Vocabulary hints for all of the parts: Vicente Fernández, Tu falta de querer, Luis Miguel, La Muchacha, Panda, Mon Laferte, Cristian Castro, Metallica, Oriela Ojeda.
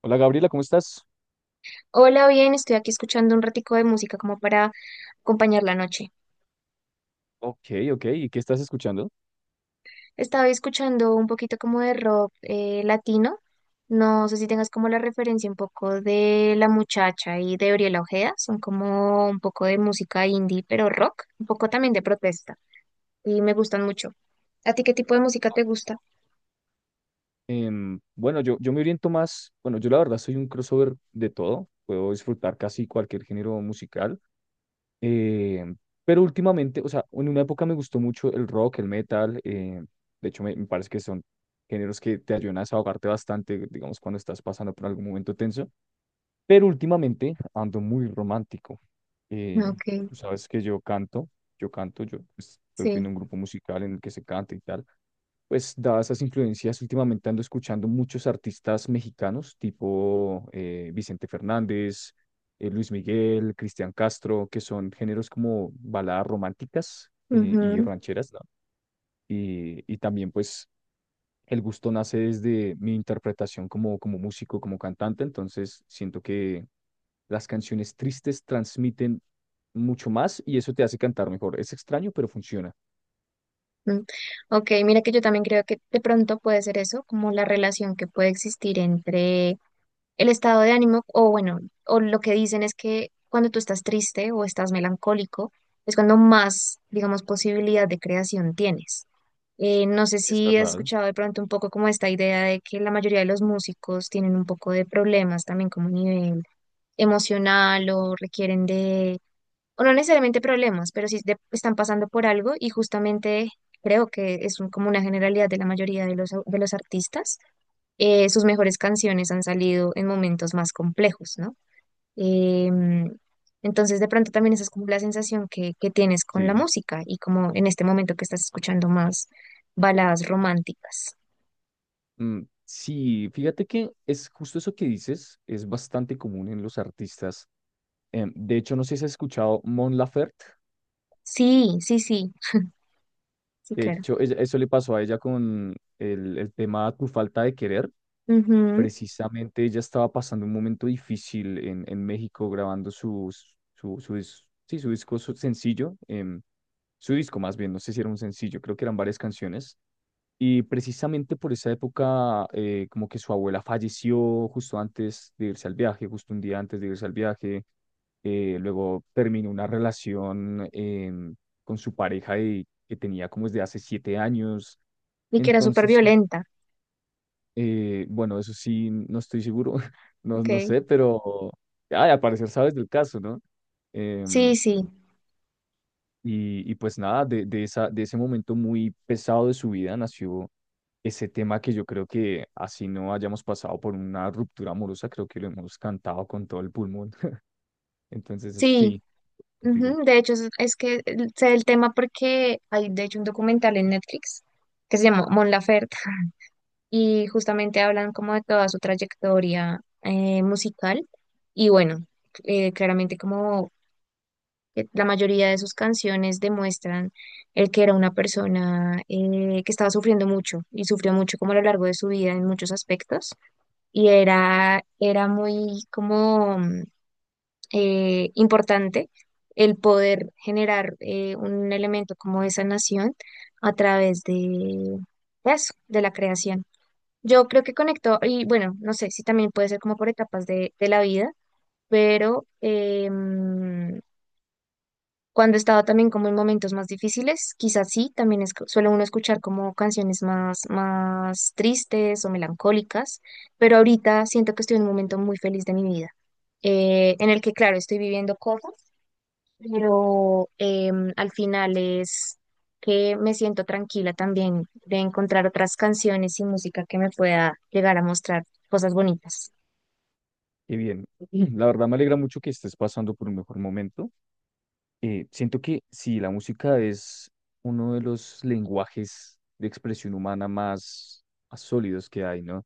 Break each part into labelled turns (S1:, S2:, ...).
S1: Hola Gabriela, ¿cómo estás?
S2: Hola, bien, estoy aquí escuchando un ratico de música como para acompañar la noche.
S1: Ok, ok, ¿y qué estás escuchando?
S2: Estaba escuchando un poquito como de rock latino. No sé si tengas como la referencia un poco de La Muchacha y de Oriela Ojeda. Son como un poco de música indie, pero rock, un poco también de protesta. Y me gustan mucho. ¿A ti qué tipo de música te gusta?
S1: Bueno, yo me oriento más, bueno, yo la verdad soy un crossover de todo, puedo disfrutar casi cualquier género musical, em, pero últimamente, o sea, en una época me gustó mucho el rock, el metal, de hecho me parece que son géneros que te ayudan a desahogarte bastante, digamos, cuando estás pasando por algún momento tenso, pero últimamente ando muy romántico. Eh,
S2: Ok,
S1: tú sabes que yo canto, yo canto, yo pues, estoy
S2: sí,
S1: en un grupo musical en el que se canta y tal. Pues dadas esas influencias, últimamente ando escuchando muchos artistas mexicanos, tipo Vicente Fernández, Luis Miguel, Cristian Castro, que son géneros como baladas románticas y
S2: ujú,
S1: rancheras, ¿no? Y también pues el gusto nace desde mi interpretación como, como músico, como cantante, entonces siento que las canciones tristes transmiten mucho más y eso te hace cantar mejor. Es extraño, pero funciona.
S2: mm. Ok, mira que yo también creo que de pronto puede ser eso, como la relación que puede existir entre el estado de ánimo, o bueno, o lo que dicen es que cuando tú estás triste o estás melancólico, es cuando más, digamos, posibilidad de creación tienes. No sé
S1: Es
S2: si has
S1: verdad.
S2: escuchado de pronto un poco como esta idea de que la mayoría de los músicos tienen un poco de problemas también como a nivel emocional o requieren de, o no necesariamente problemas, pero sí están pasando por algo y justamente creo que es como una generalidad de la mayoría de los, de los artistas sus mejores canciones han salido en momentos más complejos, ¿no? Em, entonces, de pronto también esa es como la sensación que tienes con la
S1: Sí.
S2: música y como en este momento que estás escuchando más baladas románticas.
S1: Mm, sí, fíjate que es justo eso que dices, es bastante común en los artistas. Em, de hecho, no sé si has escuchado Mon Laferte.
S2: Sí, sí, sí, sí,
S1: De
S2: claro.
S1: hecho, ella- eso le pasó a ella con el tema Tu falta de querer.
S2: Ujú.
S1: Precisamente ella estaba pasando un momento difícil en México grabando dis- sí, su disco su sencillo, su disco más bien, no sé si era un sencillo, creo que eran varias canciones. Y precisamente por esa época, como que su abuela falleció justo antes de irse al viaje, justo un día antes de irse al viaje. Luego terminó una relación con su pareja y- que tenía como desde hace 7 años.
S2: Y que era súper
S1: Entonces,
S2: violenta.
S1: bueno, eso sí, no estoy seguro, no, no
S2: Ok.
S1: sé, pero ay, al parecer sabes del caso, ¿no?
S2: Sí,
S1: Em,
S2: sí,
S1: Y y pues nada, de ese momento muy pesado de su vida nació ese tema que yo creo que así no hayamos pasado por una ruptura amorosa, creo que lo hemos cantado con todo el pulmón. Entonces,
S2: sí.
S1: sí, contigo.
S2: Ujú. De hecho, es que sé el tema porque hay, de hecho, un documental en Netflix que se llama Mon Laferte y justamente hablan como de toda su trayectoria musical y bueno, claramente como que la mayoría de sus canciones demuestran el que era una persona que estaba sufriendo mucho y sufrió mucho como a lo largo de su vida en muchos aspectos y era, era muy como importante el poder generar un elemento como de sanación a través de eso, de la creación. Yo creo que conectó, y bueno, no sé si también puede ser como por etapas de la vida, pero cuando he estado también como en momentos más difíciles, quizás sí, también es, suele uno escuchar como canciones más, más tristes o melancólicas, pero ahorita siento que estoy en un momento muy feliz de mi vida, en el que, claro, estoy viviendo cosas pero al final es que me siento tranquila también de encontrar otras canciones y música que me pueda llegar a mostrar cosas bonitas.
S1: Y bien, la verdad me alegra mucho que estés pasando por un mejor momento. Siento que sí, la música es uno de los lenguajes de expresión humana más sólidos que hay, ¿no?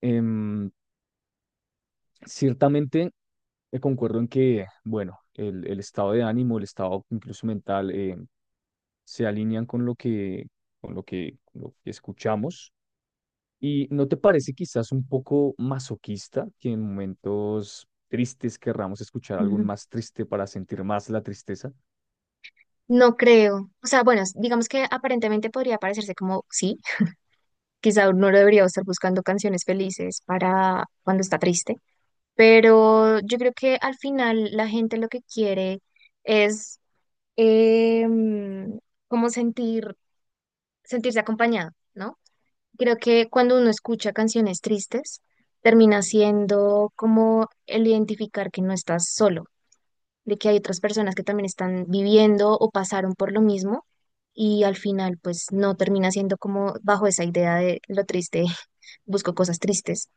S1: Em, ciertamente concuerdo en que, bueno, el estado de ánimo, el estado incluso mental, se alinean con con lo que escuchamos. ¿Y no te parece quizás un poco masoquista que en momentos tristes querramos escuchar algo
S2: Ujú.
S1: más triste para sentir más la tristeza?
S2: No creo, o sea, bueno, digamos que aparentemente podría parecerse como, sí, quizá uno debería estar buscando canciones felices para cuando está triste, pero yo creo que al final la gente lo que quiere es em, como sentir, sentirse acompañado, ¿no? Creo que cuando uno escucha canciones tristes, termina siendo como el identificar que no estás solo, de que hay otras personas que también están viviendo o pasaron por lo mismo y al final pues no termina siendo como bajo esa idea de lo triste, busco cosas tristes,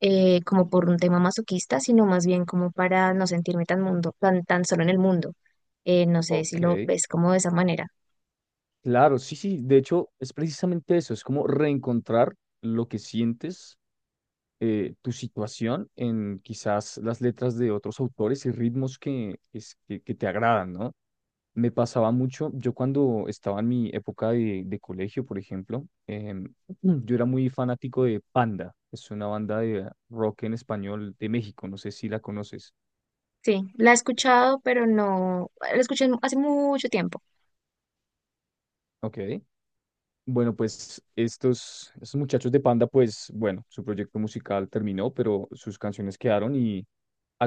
S2: como por un tema masoquista, sino más bien como para no sentirme tan mundo, tan, tan solo en el mundo. No sé si
S1: Ok,
S2: lo ves como de esa manera.
S1: claro, sí, sí, de hecho es precisamente eso, es como reencontrar lo que sientes, tu situación en quizás las letras de otros autores y ritmos es- que te agradan, ¿no? Me pasaba mucho, yo cuando estaba en mi época de colegio, por ejemplo, em, Mm. Yo era muy fanático de Panda, es una banda de rock en español de México, no sé si la conoces.
S2: Sí, la he escuchado, pero no, la escuché hace mucho tiempo.
S1: Ok. Bueno, pues estos muchachos de Panda, pues bueno, su proyecto musical terminó, pero sus canciones quedaron y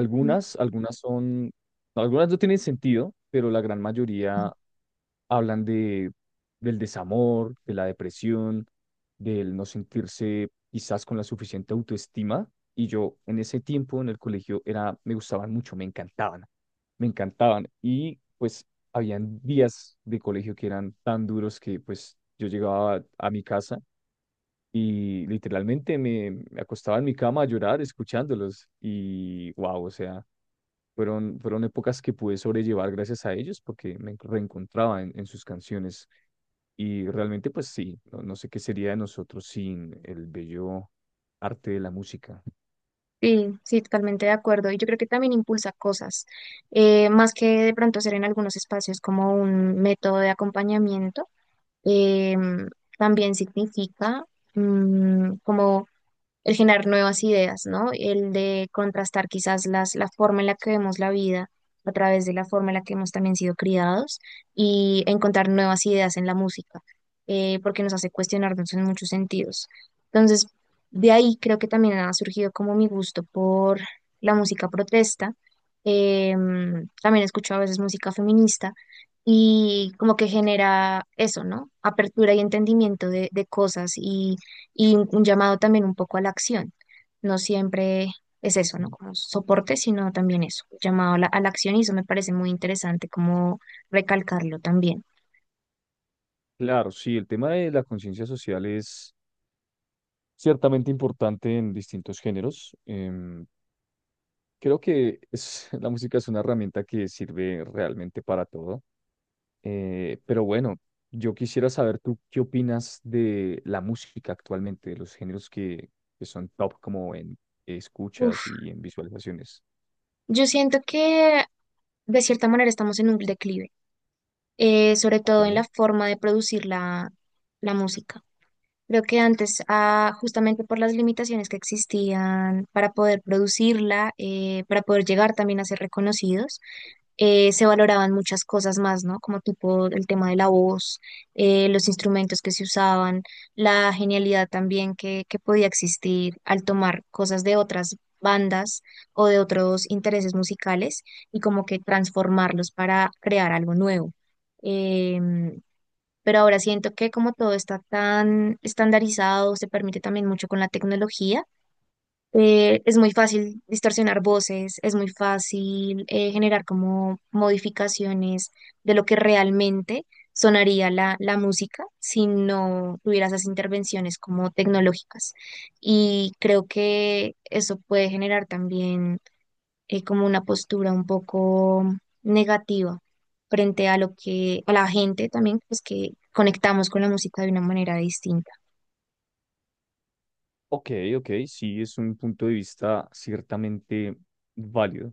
S2: Ujú.
S1: algunas son, algunas no tienen sentido, pero la gran mayoría hablan de, del desamor, de la depresión, del no sentirse quizás con la suficiente autoestima. Y yo en ese tiempo en el colegio era, me gustaban mucho, me encantaban, me encantaban. Y pues habían días de colegio que eran tan duros que pues yo llegaba a mi casa y literalmente me acostaba en mi cama a llorar escuchándolos. Y wow, o sea fueron épocas que pude sobrellevar gracias a ellos porque me reencontraba en sus canciones. Y realmente, pues sí, no, no sé qué sería de nosotros sin el bello arte de la música.
S2: Sí, sí, totalmente de acuerdo. Y yo creo que también impulsa cosas, más que de pronto ser en algunos espacios como un método de acompañamiento, em, también significa como el generar nuevas ideas, ¿no? El de contrastar quizás las, la forma en la que vemos la vida a través de la forma en la que hemos también sido criados y encontrar nuevas ideas en la música, porque nos hace cuestionarnos en muchos sentidos. Entonces, de ahí creo que también ha surgido como mi gusto por la música protesta. También escucho a veces música feminista y como que genera eso, ¿no? Apertura y entendimiento de cosas y un llamado también un poco a la acción. No siempre es eso, ¿no? Como soporte, sino también eso, un llamado a la acción y eso me parece muy interesante como recalcarlo también.
S1: Claro, sí, el tema de la conciencia social es ciertamente importante en distintos géneros. Em, creo que es- la música es una herramienta que sirve realmente para todo. Pero bueno, yo quisiera saber tú qué opinas de la música actualmente, de los géneros que son top como en
S2: Uf,
S1: escuchas y en visualizaciones.
S2: yo siento que de cierta manera estamos en un declive, sobre todo en la
S1: Ok.
S2: forma de producir la, la música. Creo que antes, ah, justamente por las limitaciones que existían para poder producirla, para poder llegar también a ser reconocidos, se valoraban muchas cosas más, ¿no? Como tipo el tema de la voz, los instrumentos que se usaban, la genialidad también que podía existir al tomar cosas de otras bandas o de otros intereses musicales y como que transformarlos para crear algo nuevo. Em, pero ahora siento que como todo está tan estandarizado, se permite también mucho con la tecnología, es muy fácil distorsionar voces, es muy fácil generar como modificaciones de lo que realmente sonaría la, la música si no tuviera esas intervenciones como tecnológicas. Y creo que eso puede generar también como una postura un poco negativa frente a lo que, a la gente también, pues que conectamos con la música de una manera distinta.
S1: Ok, ok, sí, es un punto de vista ciertamente válido,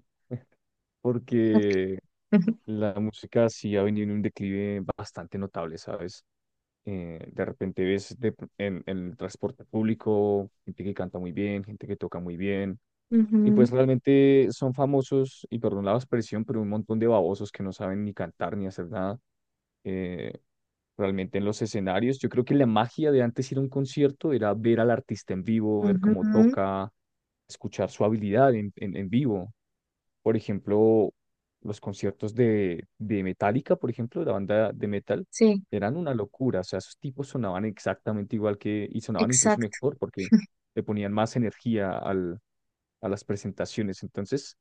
S2: Ok.
S1: porque la música sí ha venido en un declive bastante notable, ¿sabes? De repente ves de- en el transporte público gente que canta muy bien, gente que toca muy bien. Y
S2: Ujú,
S1: pues realmente son famosos, y perdón la expresión, pero un montón de babosos que no saben ni cantar ni hacer nada. eh, Realmente en los escenarios, yo creo que la magia de antes ir a un concierto era ver al artista en vivo, ver
S2: ujú,
S1: cómo
S2: ujú.
S1: toca, escuchar su habilidad en vivo. Por ejemplo, los conciertos de Metallica, por ejemplo, la banda de metal,
S2: Sí,
S1: eran una locura. O sea, esos tipos sonaban exactamente igual que, y sonaban incluso
S2: exacto.
S1: mejor porque le ponían más energía al a las presentaciones. Entonces,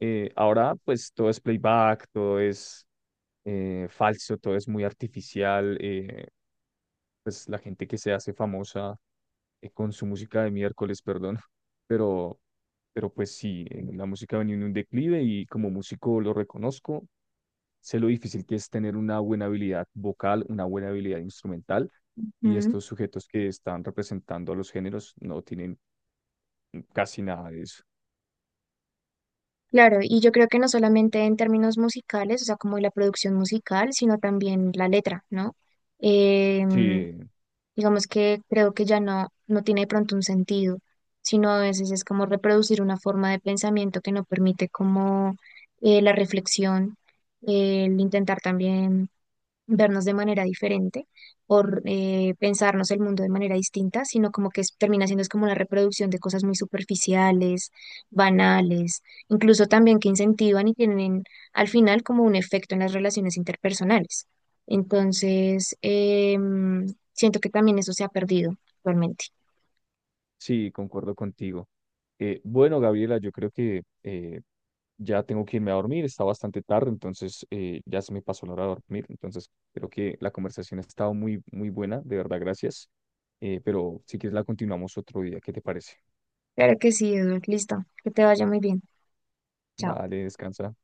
S1: ahora pues todo es playback, todo es falso, todo es muy artificial. Pues la gente que se hace famosa con su música de miércoles, perdón, pero, pero pues sí, la música ha venido en un declive y como músico lo reconozco. Sé lo difícil que es tener una buena habilidad vocal, una buena habilidad instrumental, y
S2: Ujú.
S1: estos sujetos que están representando a los géneros no tienen casi nada de eso.
S2: Claro, y yo creo que no solamente en términos musicales, o sea, como la producción musical, sino también la letra, ¿no? Em,
S1: Sí,
S2: digamos que creo que ya no, no tiene de pronto un sentido, sino a veces es como reproducir una forma de pensamiento que no permite como la reflexión, el intentar también vernos de manera diferente o pensarnos el mundo de manera distinta, sino como que termina siendo es como una reproducción de cosas muy superficiales, banales, incluso también que incentivan y tienen al final como un efecto en las relaciones interpersonales. Entonces, em, siento que también eso se ha perdido actualmente.
S1: sí, concuerdo contigo. Bueno, Gabriela, yo creo que ya tengo que irme a dormir, está bastante tarde, entonces ya se me pasó la hora de dormir, entonces creo que la conversación ha estado muy buena, de verdad, gracias. Pero si quieres la continuamos otro día, ¿qué te parece?
S2: Claro que sí, Eduard, listo, que te vaya muy bien. Chao.
S1: Vale, descansa.